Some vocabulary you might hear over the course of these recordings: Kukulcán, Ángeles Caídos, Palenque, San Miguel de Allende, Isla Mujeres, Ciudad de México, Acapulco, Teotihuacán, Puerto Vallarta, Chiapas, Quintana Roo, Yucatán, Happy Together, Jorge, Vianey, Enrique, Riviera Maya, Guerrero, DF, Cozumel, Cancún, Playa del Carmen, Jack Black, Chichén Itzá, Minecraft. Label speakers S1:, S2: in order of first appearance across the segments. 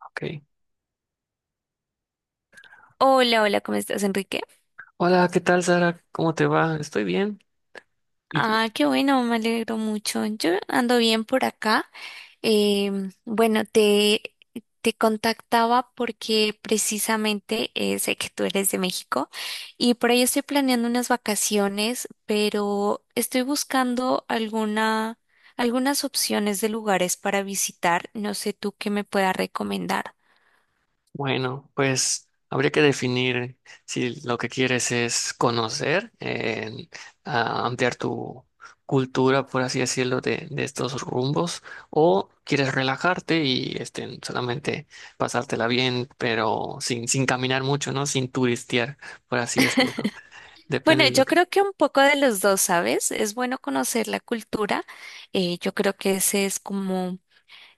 S1: Ok.
S2: Hola, hola, ¿cómo estás, Enrique?
S1: Hola, ¿qué tal, Sara? ¿Cómo te va? Estoy bien. ¿Y tú?
S2: Ah, qué bueno, me alegro mucho. Yo ando bien por acá. Em, bueno, te, te contactaba porque precisamente sé que tú eres de México y por ahí estoy planeando unas vacaciones, pero estoy buscando algunas opciones de lugares para visitar. No sé tú qué me puedas recomendar.
S1: Bueno, pues habría que definir si lo que quieres es conocer, ampliar tu cultura, por así decirlo, de estos rumbos, o quieres relajarte y este, solamente pasártela bien, pero sin caminar mucho, ¿no? Sin turistear, por así decirlo. Depende
S2: Bueno,
S1: de lo
S2: yo creo que un poco de los dos, ¿sabes? Es bueno conocer la cultura. Yo creo que ese es como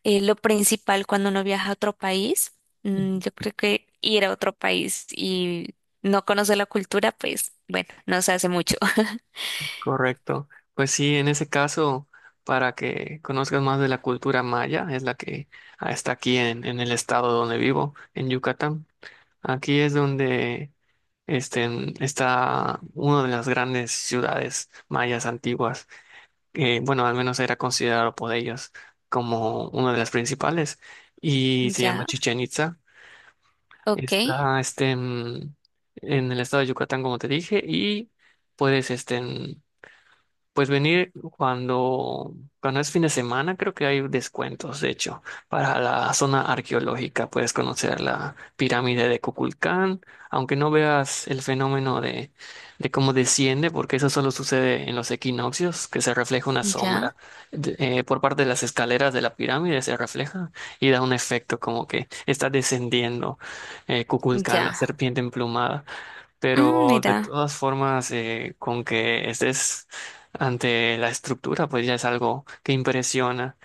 S2: lo principal cuando uno viaja a otro país.
S1: que...
S2: Mm, yo creo que ir a otro país y no conocer la cultura, pues bueno, no se hace mucho.
S1: Correcto. Pues sí, en ese caso, para que conozcas más de la cultura maya, es la que está aquí en el estado donde vivo, en Yucatán. Aquí es donde este, está una de las grandes ciudades mayas antiguas, que bueno, al menos era considerado por ellos como una de las principales, y se llama
S2: Ya,
S1: Chichén Itzá.
S2: ok,
S1: Está en el estado de Yucatán, como te dije, y puedes pues venir cuando es fin de semana, creo que hay descuentos, de hecho, para la zona arqueológica. Puedes conocer la pirámide de Kukulcán, aunque no veas el fenómeno de cómo desciende, porque eso solo sucede en los equinoccios, que se refleja una
S2: ya,
S1: sombra. Por parte de las escaleras de la pirámide se refleja y da un efecto como que está descendiendo Kukulcán, la
S2: ya.
S1: serpiente emplumada.
S2: Mm,
S1: Pero de
S2: mira,
S1: todas formas, con que estés ante la estructura, pues ya es algo que impresiona.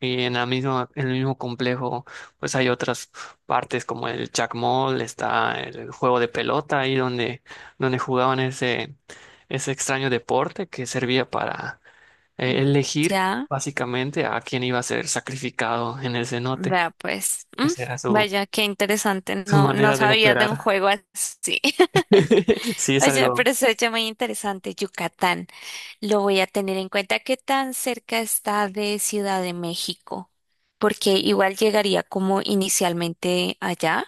S1: Y en la misma, en el mismo complejo, pues hay otras partes como el Jack Mall, está el juego de pelota ahí donde jugaban ese extraño deporte que servía para elegir
S2: ya,
S1: básicamente a quién iba a ser sacrificado en el cenote.
S2: vea pues. Mm,
S1: Esa era
S2: vaya, qué interesante.
S1: su
S2: No, no
S1: manera de
S2: sabía de un
S1: operar.
S2: juego así.
S1: Sí, es
S2: Oye,
S1: algo.
S2: pero se oye muy interesante, Yucatán. Lo voy a tener en cuenta qué tan cerca está de Ciudad de México, porque igual llegaría como inicialmente allá,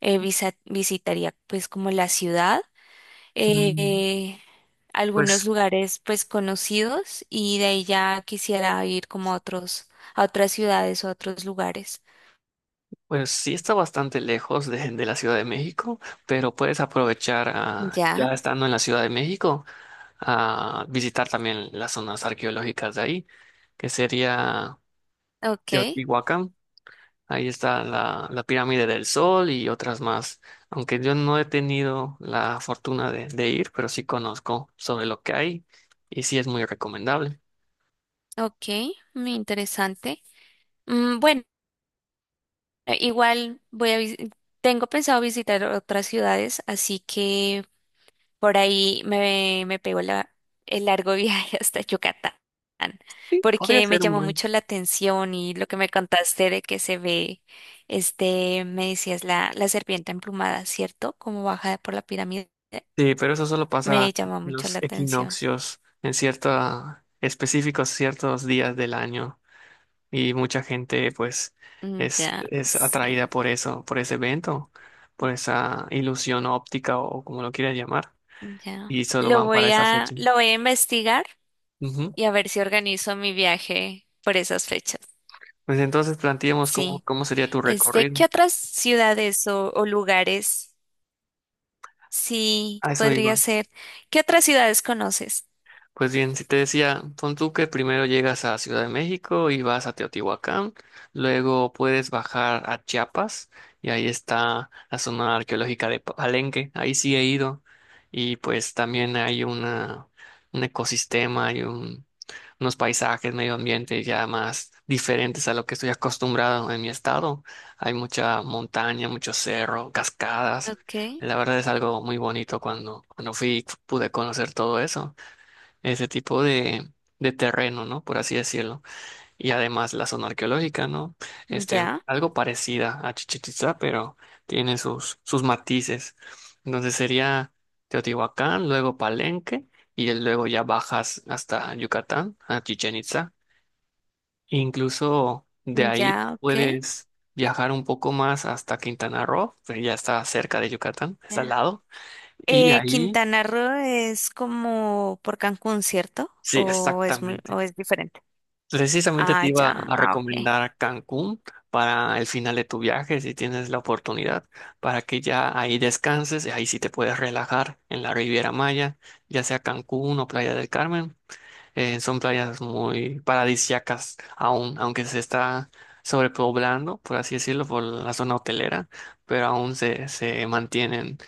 S2: visitaría pues como la ciudad,
S1: mm,
S2: eh, algunos
S1: Pues.
S2: lugares pues conocidos y de ahí ya quisiera ir como a otros, a otras ciudades o a otros lugares.
S1: Pues sí, está bastante lejos de la Ciudad de México, pero puedes aprovechar
S2: Ya,
S1: ya estando en la Ciudad de México a visitar también las zonas arqueológicas de ahí, que sería
S2: ok,
S1: Teotihuacán. Ahí está la Pirámide del Sol y otras más, aunque yo no he tenido la fortuna de ir, pero sí conozco sobre lo que hay y sí es muy recomendable.
S2: ok, muy interesante. Mm, bueno, igual tengo pensado visitar otras ciudades, así que me pegó el largo viaje hasta Yucatán,
S1: Sí, podría
S2: porque me
S1: ser un
S2: llamó
S1: buen.
S2: mucho la atención y lo que me contaste de que se ve, este, me decías la serpiente emplumada, ¿cierto? Como baja por la pirámide.
S1: Sí, pero eso solo
S2: Me
S1: pasa
S2: llamó
S1: en
S2: mucho
S1: los
S2: la atención.
S1: equinoccios, en ciertos específicos ciertos días del año, y mucha gente pues
S2: Mm, ya,
S1: es
S2: sí,
S1: atraída por eso, por ese evento, por esa ilusión óptica o como lo quieras llamar,
S2: ya.
S1: y solo van para esa fecha.
S2: Lo voy a investigar
S1: Ujú.
S2: y a ver si organizo mi viaje por esas fechas.
S1: Pues entonces planteemos
S2: Sí.
S1: cómo sería tu
S2: Este,
S1: recorrido.
S2: ¿qué otras ciudades o lugares? Sí,
S1: A eso
S2: podría
S1: iba.
S2: ser. ¿Qué otras ciudades conoces?
S1: Pues bien, si te decía, pon tú que primero llegas a Ciudad de México y vas a Teotihuacán, luego puedes bajar a Chiapas y ahí está la zona arqueológica de Palenque, ahí sí he ido y pues también hay una, un ecosistema, hay un, unos paisajes, medio ambiente ya más diferentes a lo que estoy acostumbrado en mi estado. Hay mucha montaña, mucho cerro, cascadas.
S2: Ok,
S1: La verdad es algo muy bonito cuando fui pude conocer todo eso, ese tipo de terreno, ¿no? Por así decirlo. Y además la zona arqueológica, ¿no? Este,
S2: ya,
S1: algo parecida a Chichén Itzá, pero tiene sus matices. Entonces sería Teotihuacán, luego Palenque, y luego ya bajas hasta Yucatán, a Chichén Itzá. Incluso de ahí
S2: ya, ok.
S1: puedes viajar un poco más hasta Quintana Roo, que ya está cerca de Yucatán, está al
S2: Ya.
S1: lado. Y ahí,
S2: Quintana Roo es como por Cancún, ¿cierto?
S1: sí,
S2: ¿O es muy,
S1: exactamente.
S2: o es diferente?
S1: Precisamente te
S2: Ah,
S1: iba
S2: ya,
S1: a
S2: ah, ok.
S1: recomendar Cancún para el final de tu viaje, si tienes la oportunidad, para que ya ahí descanses, y ahí sí te puedes relajar en la Riviera Maya, ya sea Cancún o Playa del Carmen. Son playas muy paradisíacas aún, aunque se está sobrepoblando, por así decirlo, por la zona hotelera, pero aún se mantienen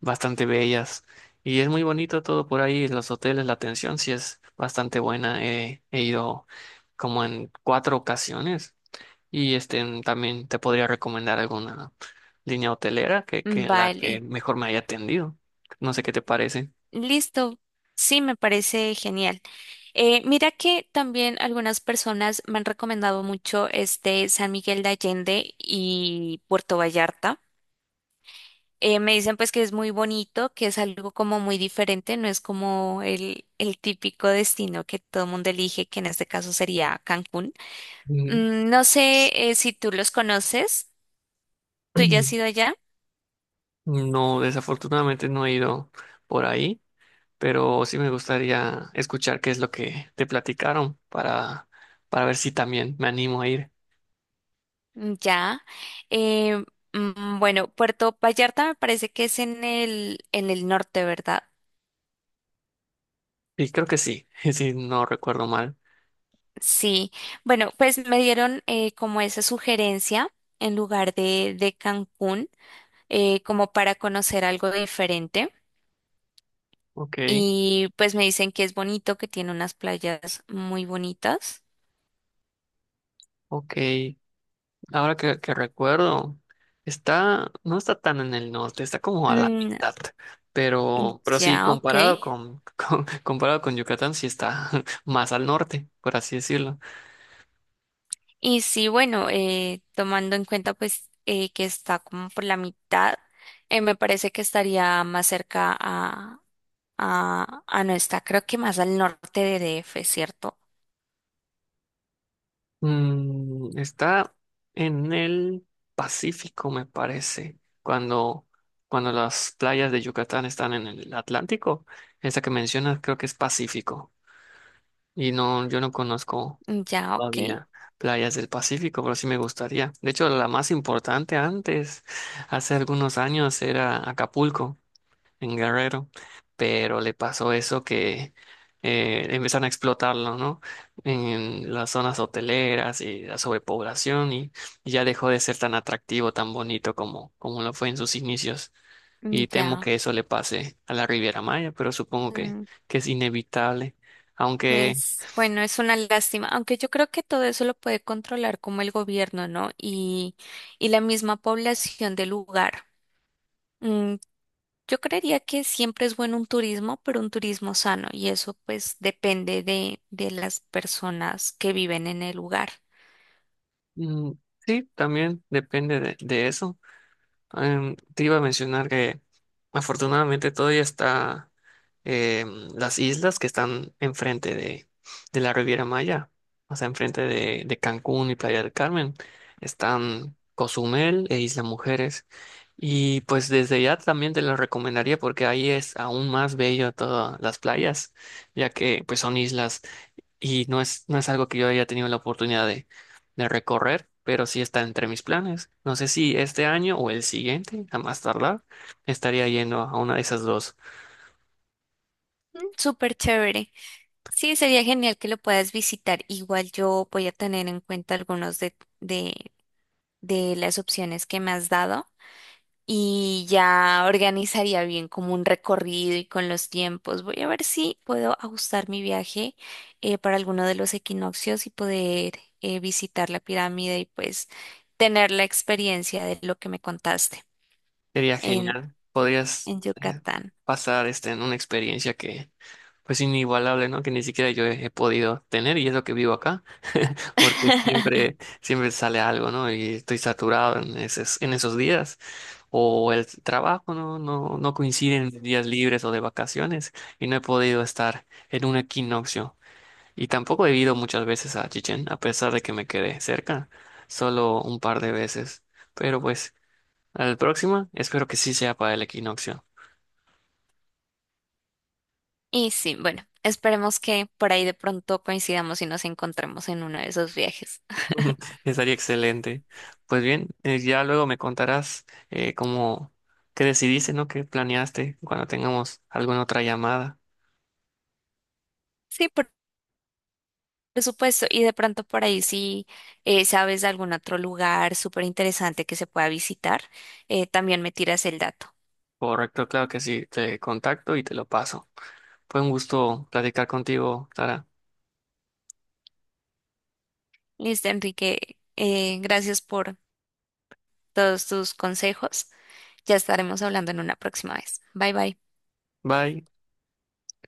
S1: bastante bellas. Y es muy bonito todo por ahí, los hoteles, la atención sí es bastante buena. He ido como en 4 ocasiones y este, también te podría recomendar alguna línea hotelera que en la que
S2: Vale,
S1: mejor me haya atendido. No sé qué te parece.
S2: listo. Sí, me parece genial. Mira que también algunas personas me han recomendado mucho este San Miguel de Allende y Puerto Vallarta. Me dicen pues que es muy bonito, que es algo como muy diferente, no es como el típico destino que todo el mundo elige, que en este caso sería Cancún.
S1: Ujú.
S2: Mm, no sé si tú los conoces, tú ya has ido allá,
S1: No, desafortunadamente no he ido por ahí, pero sí me gustaría escuchar qué es lo que te platicaron para ver si también me animo a ir.
S2: mm, ya. Eh, bueno, Puerto Vallarta me parece que es en en el norte, ¿verdad?
S1: Y creo que sí, si no recuerdo mal.
S2: Sí. Bueno, pues me dieron como esa sugerencia en lugar de Cancún, como para conocer algo diferente.
S1: Ok,
S2: Y pues me dicen que es bonito, que tiene unas playas muy bonitas.
S1: ok. Ahora que recuerdo, está, no está tan en el norte, está como a la
S2: Mm,
S1: mitad. Pero sí,
S2: ya, ok.
S1: comparado comparado con Yucatán, sí está más al norte, por así decirlo.
S2: Y sí, bueno, tomando en cuenta pues que está como por la mitad, me parece que estaría más cerca a no está, creo que más al norte de DF, ¿cierto?
S1: Mm, está en el Pacífico, me parece. Cuando las playas de Yucatán están en el Atlántico, esa que mencionas creo que es Pacífico. Y no, yo no conozco.
S2: Ya, ok.
S1: Todavía playas del Pacífico, pero sí me gustaría. De hecho, la más importante antes, hace algunos años, era Acapulco, en Guerrero, pero le pasó eso que empezaron a explotarlo, ¿no? En las zonas hoteleras y la sobrepoblación y ya dejó de ser tan atractivo, tan bonito como lo fue en sus inicios. Y temo
S2: Ya.
S1: que eso le pase a la Riviera Maya, pero supongo que es inevitable. Aunque...
S2: Pues bueno, es una lástima, aunque yo creo que todo eso lo puede controlar como el gobierno, ¿no? Y la misma población del lugar. Mm, yo creería que siempre es bueno un turismo, pero un turismo sano, y eso pues depende de las personas que viven en el lugar.
S1: Mm, sí, también depende de eso. Te iba a mencionar que afortunadamente todavía está las islas que están enfrente de la Riviera Maya, o sea, enfrente de Cancún y Playa del Carmen. Están Cozumel e Isla Mujeres. Y pues desde ya también te lo recomendaría porque ahí es aún más bello todas las playas, ya que pues son islas y no es, no es algo que yo haya tenido la oportunidad de recorrer, pero sí está entre mis planes. No sé si este año o el siguiente, a más tardar, estaría yendo a una de esas dos.
S2: Mm, súper chévere. Sí, sería genial que lo puedas visitar. Igual yo voy a tener en cuenta algunos de, de las opciones que me has dado. Y ya organizaría bien como un recorrido y con los tiempos. Voy a ver si puedo ajustar mi viaje para alguno de los equinoccios y poder visitar la pirámide y pues tener la experiencia de lo que me contaste
S1: Sería
S2: en,
S1: genial. Podrías
S2: en
S1: eh,
S2: Yucatán.
S1: pasar este, en una experiencia que, pues, inigualable, ¿no? Que ni siquiera yo he podido tener y es lo que vivo acá, porque siempre, siempre sale algo, ¿no? Y estoy saturado en esos días. O el trabajo, ¿no? No coinciden mis días libres o de vacaciones y no he podido estar en un equinoccio. Y tampoco he ido muchas veces a Chichén, a pesar de que me quedé cerca, solo un par de veces. Pero pues... Al próximo, espero que sí sea para el equinoccio.
S2: Y sí, bueno, esperemos que por ahí de pronto coincidamos y nos encontremos en uno de esos viajes.
S1: Estaría excelente. Pues bien, ya luego me contarás eh, cómo, qué decidiste, ¿no? ¿Qué planeaste cuando tengamos alguna otra llamada?
S2: Sí, por Por supuesto, y de pronto por ahí si sabes de algún otro lugar súper interesante que se pueda visitar, también me tiras el dato.
S1: Correcto, claro que sí, te contacto y te lo paso. Fue un gusto platicar contigo, Sara.
S2: Listo, Enrique, gracias por todos tus consejos. Ya estaremos hablando en una próxima vez. Bye bye.
S1: Bye.